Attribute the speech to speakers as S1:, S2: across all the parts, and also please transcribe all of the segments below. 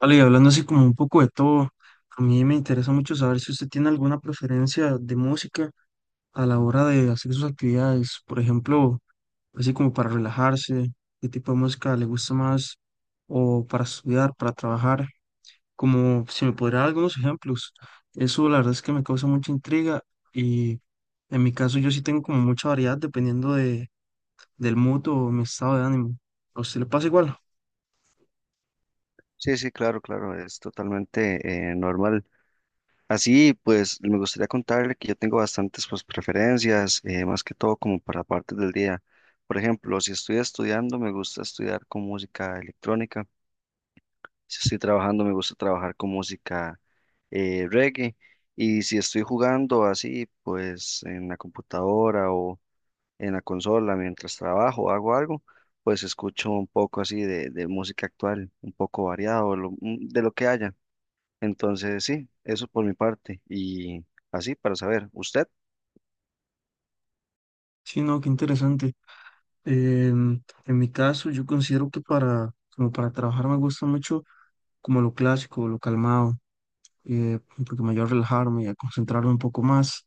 S1: Vale, y hablando así como un poco de todo, a mí me interesa mucho saber si usted tiene alguna preferencia de música a la hora de hacer sus actividades, por ejemplo, así como para relajarse, qué tipo de música le gusta más, o para estudiar, para trabajar, como si me podría dar algunos ejemplos. Eso la verdad es que me causa mucha intriga y en mi caso yo sí tengo como mucha variedad dependiendo del mood o mi estado de ánimo. ¿A usted le pasa igual?
S2: Sí, sí, claro, claro, es totalmente normal. Así, pues, me gustaría contarle que yo tengo bastantes, pues, preferencias, más que todo como para partes del día. Por ejemplo, si estoy estudiando, me gusta estudiar con música electrónica. Si estoy trabajando, me gusta trabajar con música reggae. Y si estoy jugando así, pues, en la computadora o en la consola mientras trabajo, hago algo, pues escucho un poco así de música actual, un poco variado, de lo que haya. Entonces, sí, eso por mi parte. Y así para saber, ¿usted?
S1: Sí, no, qué interesante. En mi caso, yo considero que como para trabajar me gusta mucho como lo clásico, lo calmado, eh, porque me ayuda a relajarme y a concentrarme un poco más,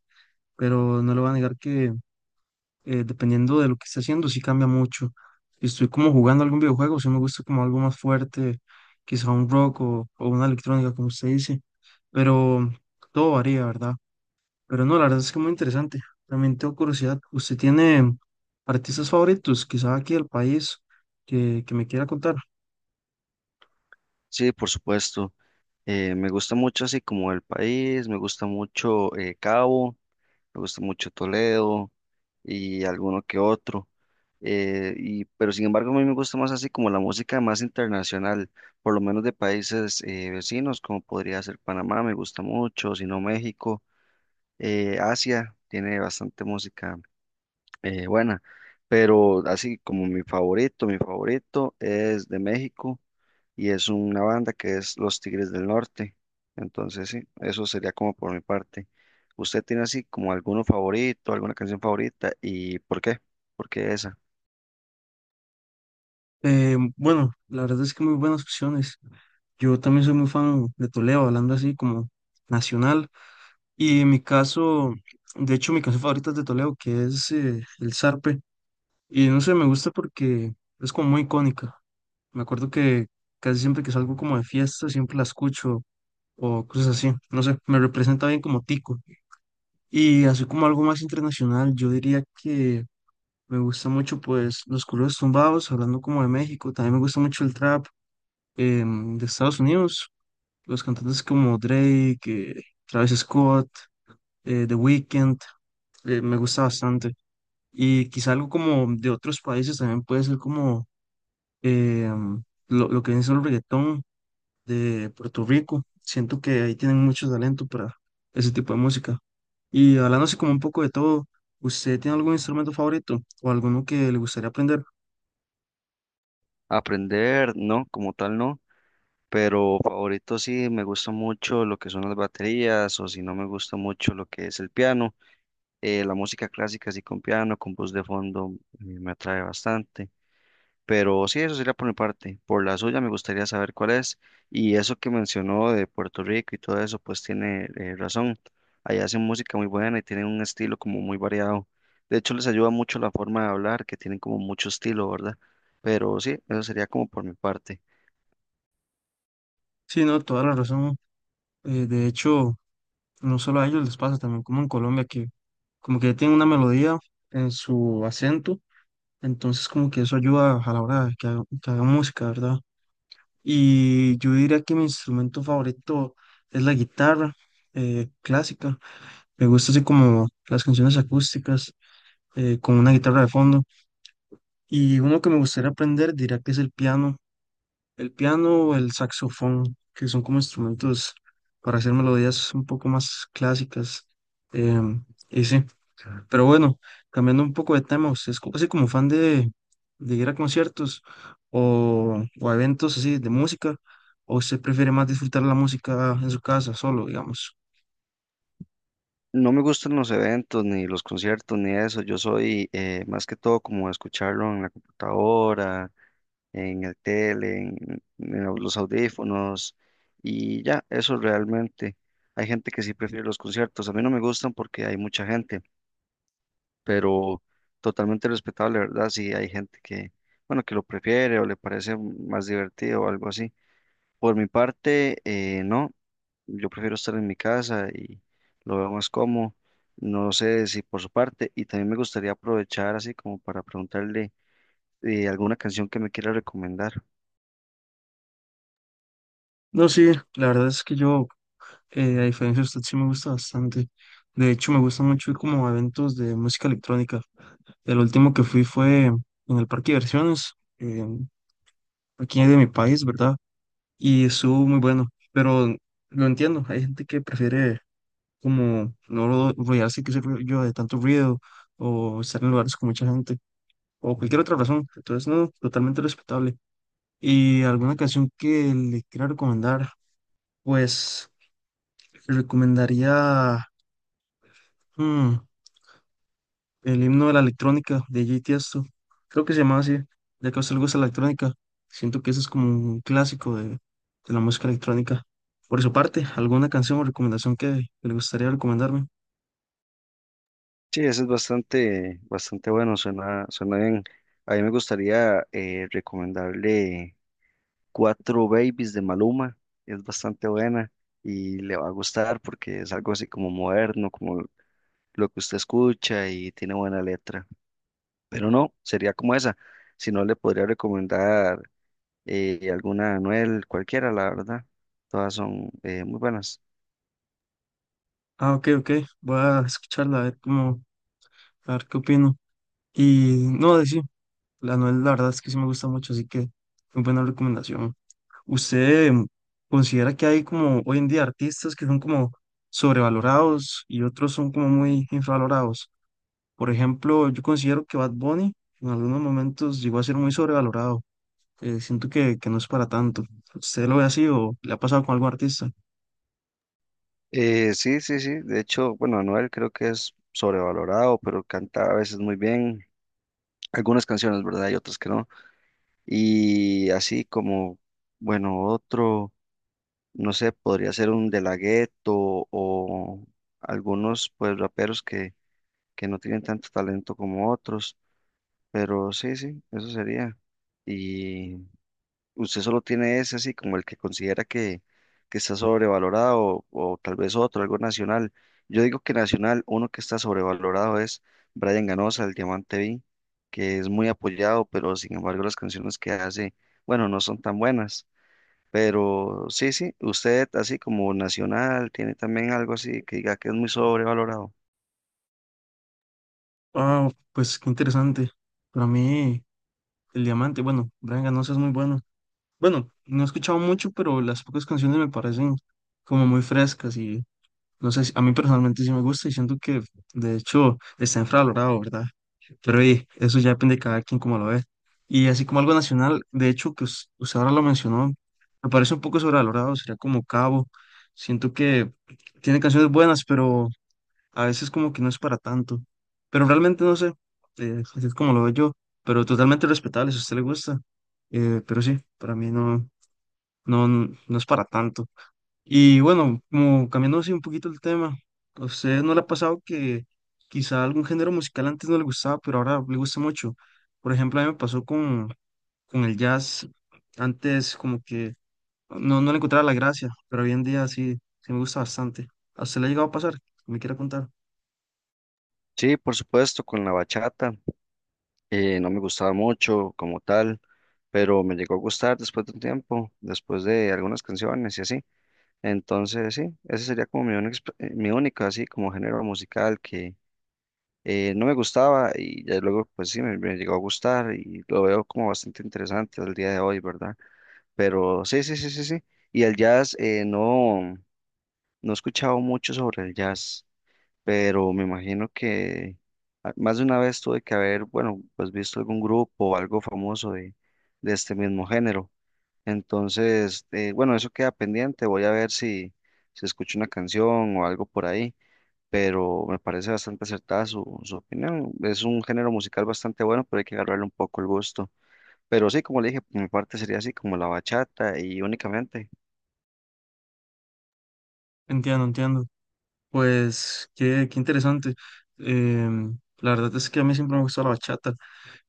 S1: pero no le voy a negar que dependiendo de lo que esté haciendo, sí cambia mucho. Si estoy como jugando algún videojuego, sí me gusta como algo más fuerte, quizá un rock o una electrónica, como usted dice, pero todo varía, ¿verdad? Pero no, la verdad es que muy interesante. También tengo curiosidad, ¿usted tiene artistas favoritos, quizá aquí del país, que me quiera contar?
S2: Sí, por supuesto. Me gusta mucho así como el país, me gusta mucho Cabo, me gusta mucho Toledo y alguno que otro. Pero sin embargo, a mí me gusta más así como la música más internacional, por lo menos de países vecinos, como podría ser Panamá, me gusta mucho, si no México, Asia tiene bastante música buena, pero así como mi favorito es de México y es una banda que es Los Tigres del Norte. Entonces, sí, eso sería como por mi parte. ¿Usted tiene así como alguno favorito, alguna canción favorita y por qué? ¿Por qué esa?
S1: Bueno, la verdad es que muy buenas opciones. Yo también soy muy fan de Toledo, hablando así como nacional. Y en mi caso, de hecho, mi canción favorita es de Toledo, que es El Zarpe. Y no sé, me gusta porque es como muy icónica. Me acuerdo que casi siempre que salgo como de fiesta, siempre la escucho o cosas así. No sé, me representa bien como Tico. Y así como algo más internacional, yo diría que me gusta mucho pues los corridos tumbados, hablando como de México, también me gusta mucho el trap de Estados Unidos, los cantantes como Drake, Travis Scott, The Weeknd, me gusta bastante. Y quizá algo como de otros países también puede ser como em, lo que viene siendo el reggaetón de Puerto Rico. Siento que ahí tienen mucho talento para ese tipo de música. Y hablándose como un poco de todo, ¿usted tiene algún instrumento favorito o alguno que le gustaría aprender?
S2: Aprender, no, como tal no, pero favorito sí, me gusta mucho lo que son las baterías o si no me gusta mucho lo que es el piano. La música clásica así con piano, con voz de fondo, me atrae bastante. Pero sí, eso sería por mi parte. Por la suya me gustaría saber cuál es. Y eso que mencionó de Puerto Rico y todo eso, pues tiene razón. Allá hacen música muy buena y tienen un estilo como muy variado. De hecho, les ayuda mucho la forma de hablar, que tienen como mucho estilo, ¿verdad? Pero sí, eso sería como por mi parte.
S1: Sí, no, toda la razón. De hecho, no solo a ellos les pasa, también como en Colombia, que como que tienen una melodía en su acento, entonces como que eso ayuda a la hora de que haga música, ¿verdad? Y yo diría que mi instrumento favorito es la guitarra clásica. Me gusta así como las canciones acústicas con una guitarra de fondo. Y uno que me gustaría aprender diría que es el piano. El piano o el saxofón, que son como instrumentos para hacer melodías un poco más clásicas. Y sí, pero bueno, cambiando un poco de tema, ¿usted es así como fan de ir a conciertos o a eventos así de música? ¿O usted prefiere más disfrutar la música en su casa solo, digamos?
S2: No me gustan los eventos, ni los conciertos, ni eso. Yo soy más que todo como escucharlo en la computadora, en el tele, los audífonos y ya, eso realmente. Hay gente que sí prefiere los conciertos, a mí no me gustan porque hay mucha gente, pero totalmente respetable, ¿verdad? Si hay gente que, bueno, que lo prefiere o le parece más divertido o algo así. Por mi parte, no, yo prefiero estar en mi casa y lo veo más cómodo. No sé si por su parte, y también me gustaría aprovechar así como para preguntarle alguna canción que me quiera recomendar.
S1: No, sí, la verdad es que yo, a diferencia de usted, sí me gusta bastante. De hecho, me gusta mucho ir como a eventos de música electrónica. El último que fui fue en el parque de diversiones, en- aquí de mi país, ¿verdad? Y estuvo muy bueno, pero lo entiendo, hay gente que prefiere como no ro- rodearse, que sé yo, de tanto ruido o estar en lugares con mucha gente o cualquier otra razón. Entonces, no, totalmente respetable. ¿Y alguna canción que le quiera recomendar? Pues recomendaría... hmm, el himno de la electrónica de J. Tiesto. Creo que se llamaba así, ya que a usted le gusta la electrónica. Siento que ese es como un clásico de la música electrónica. Por su parte, ¿alguna canción o recomendación que le gustaría recomendarme?
S2: Sí, ese es bastante, bastante bueno, suena, suena bien. A mí me gustaría recomendarle Cuatro Babies de Maluma, es bastante buena y le va a gustar porque es algo así como moderno, como lo que usted escucha y tiene buena letra. Pero no, sería como esa. Si no, le podría recomendar alguna Anuel, cualquiera, la verdad. Todas son muy buenas.
S1: Ah, ok, ok. Voy a escucharla, a ver cómo, a ver qué opino. Y no, de sí, la Noel, la verdad es que sí me gusta mucho, así que muy buena recomendación. ¿Usted considera que hay como hoy en día artistas que son como sobrevalorados y otros son como muy infravalorados? Por ejemplo, yo considero que Bad Bunny en algunos momentos llegó a ser muy sobrevalorado. Siento que no es para tanto. ¿Usted lo ve así o le ha pasado con algún artista?
S2: Sí, sí, sí. De hecho, bueno, Anuel creo que es sobrevalorado, pero canta a veces muy bien. Algunas canciones, ¿verdad? Y otras que no. Y así como, bueno, otro, no sé, podría ser un De La Ghetto o algunos, pues, raperos que no tienen tanto talento como otros, pero sí, sí, eso sería. Y usted solo tiene ese así como el que considera que está sobrevalorado o tal vez otro, algo nacional. Yo digo que nacional, uno que está sobrevalorado es Brian Ganosa, el Diamante B, que es muy apoyado, pero sin embargo las canciones que hace, bueno, no son tan buenas. Pero sí, sí, usted así como nacional tiene también algo así que diga que es muy sobrevalorado.
S1: Ah, pues qué interesante. Para mí, el Diamante, bueno, Brian Ganosa es muy bueno. Bueno, no he escuchado mucho, pero las pocas canciones me parecen como muy frescas. No sé, a mí personalmente sí me gusta y siento que de hecho está infravalorado, ¿verdad? Pero y, eso ya depende de cada quien como lo ve. Y así como algo nacional, de hecho que usted ahora lo mencionó, me parece un poco sobrevalorado, sería como Cabo. Siento que tiene canciones buenas, pero a veces como que no es para tanto. Pero realmente no sé, así es como lo veo yo, pero totalmente respetable si a usted le gusta. Pero sí, para mí no, no, no es para tanto. Y bueno, como cambiando así un poquito el tema, ¿a usted no le ha pasado que quizá algún género musical antes no le gustaba, pero ahora le gusta mucho? Por ejemplo, a mí me pasó con el jazz. Antes como que no, no le encontraba la gracia, pero hoy en día sí, sí me gusta bastante. ¿A usted le ha llegado a pasar? ¿Me quiere contar?
S2: Sí, por supuesto, con la bachata. No me gustaba mucho como tal, pero me llegó a gustar después de un tiempo, después de algunas canciones y así. Entonces, sí, ese sería como mi única así como género musical que no me gustaba y ya luego pues sí me llegó a gustar y lo veo como bastante interesante al día de hoy, ¿verdad? Pero sí, sí, sí, sí, sí. Y el jazz, no, no he escuchado mucho sobre el jazz, pero me imagino que más de una vez tuve que haber, bueno, pues visto algún grupo o algo famoso de este mismo género. Entonces, bueno, eso queda pendiente, voy a ver si escucho una canción o algo por ahí, pero me parece bastante acertada su opinión. Es un género musical bastante bueno, pero hay que agarrarle un poco el gusto. Pero sí, como le dije, por mi parte sería así como la bachata y únicamente.
S1: Entiendo, entiendo. Pues qué interesante. La verdad es que a mí siempre me ha gustado la bachata.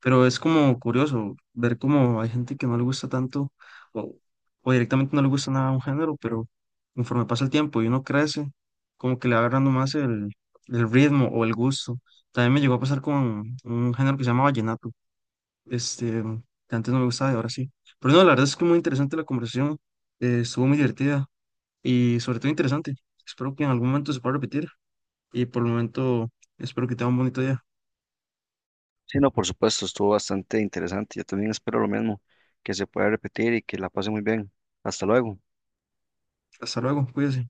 S1: Pero es como curioso ver cómo hay gente que no le gusta tanto o, o directamente no le gusta nada un género, pero conforme pasa el tiempo y uno crece, como que le va agarrando más el ritmo o el gusto. También me llegó a pasar con un género que se llama vallenato, este, que antes no me gustaba y ahora sí. Pero no, la verdad es que muy interesante la conversación, estuvo muy divertida y sobre todo interesante. Espero que en algún momento se pueda repetir y por el momento espero que tenga un bonito día.
S2: Sí, no, por supuesto, estuvo bastante interesante. Yo también espero lo mismo, que se pueda repetir y que la pase muy bien. Hasta luego.
S1: Hasta luego, cuídense.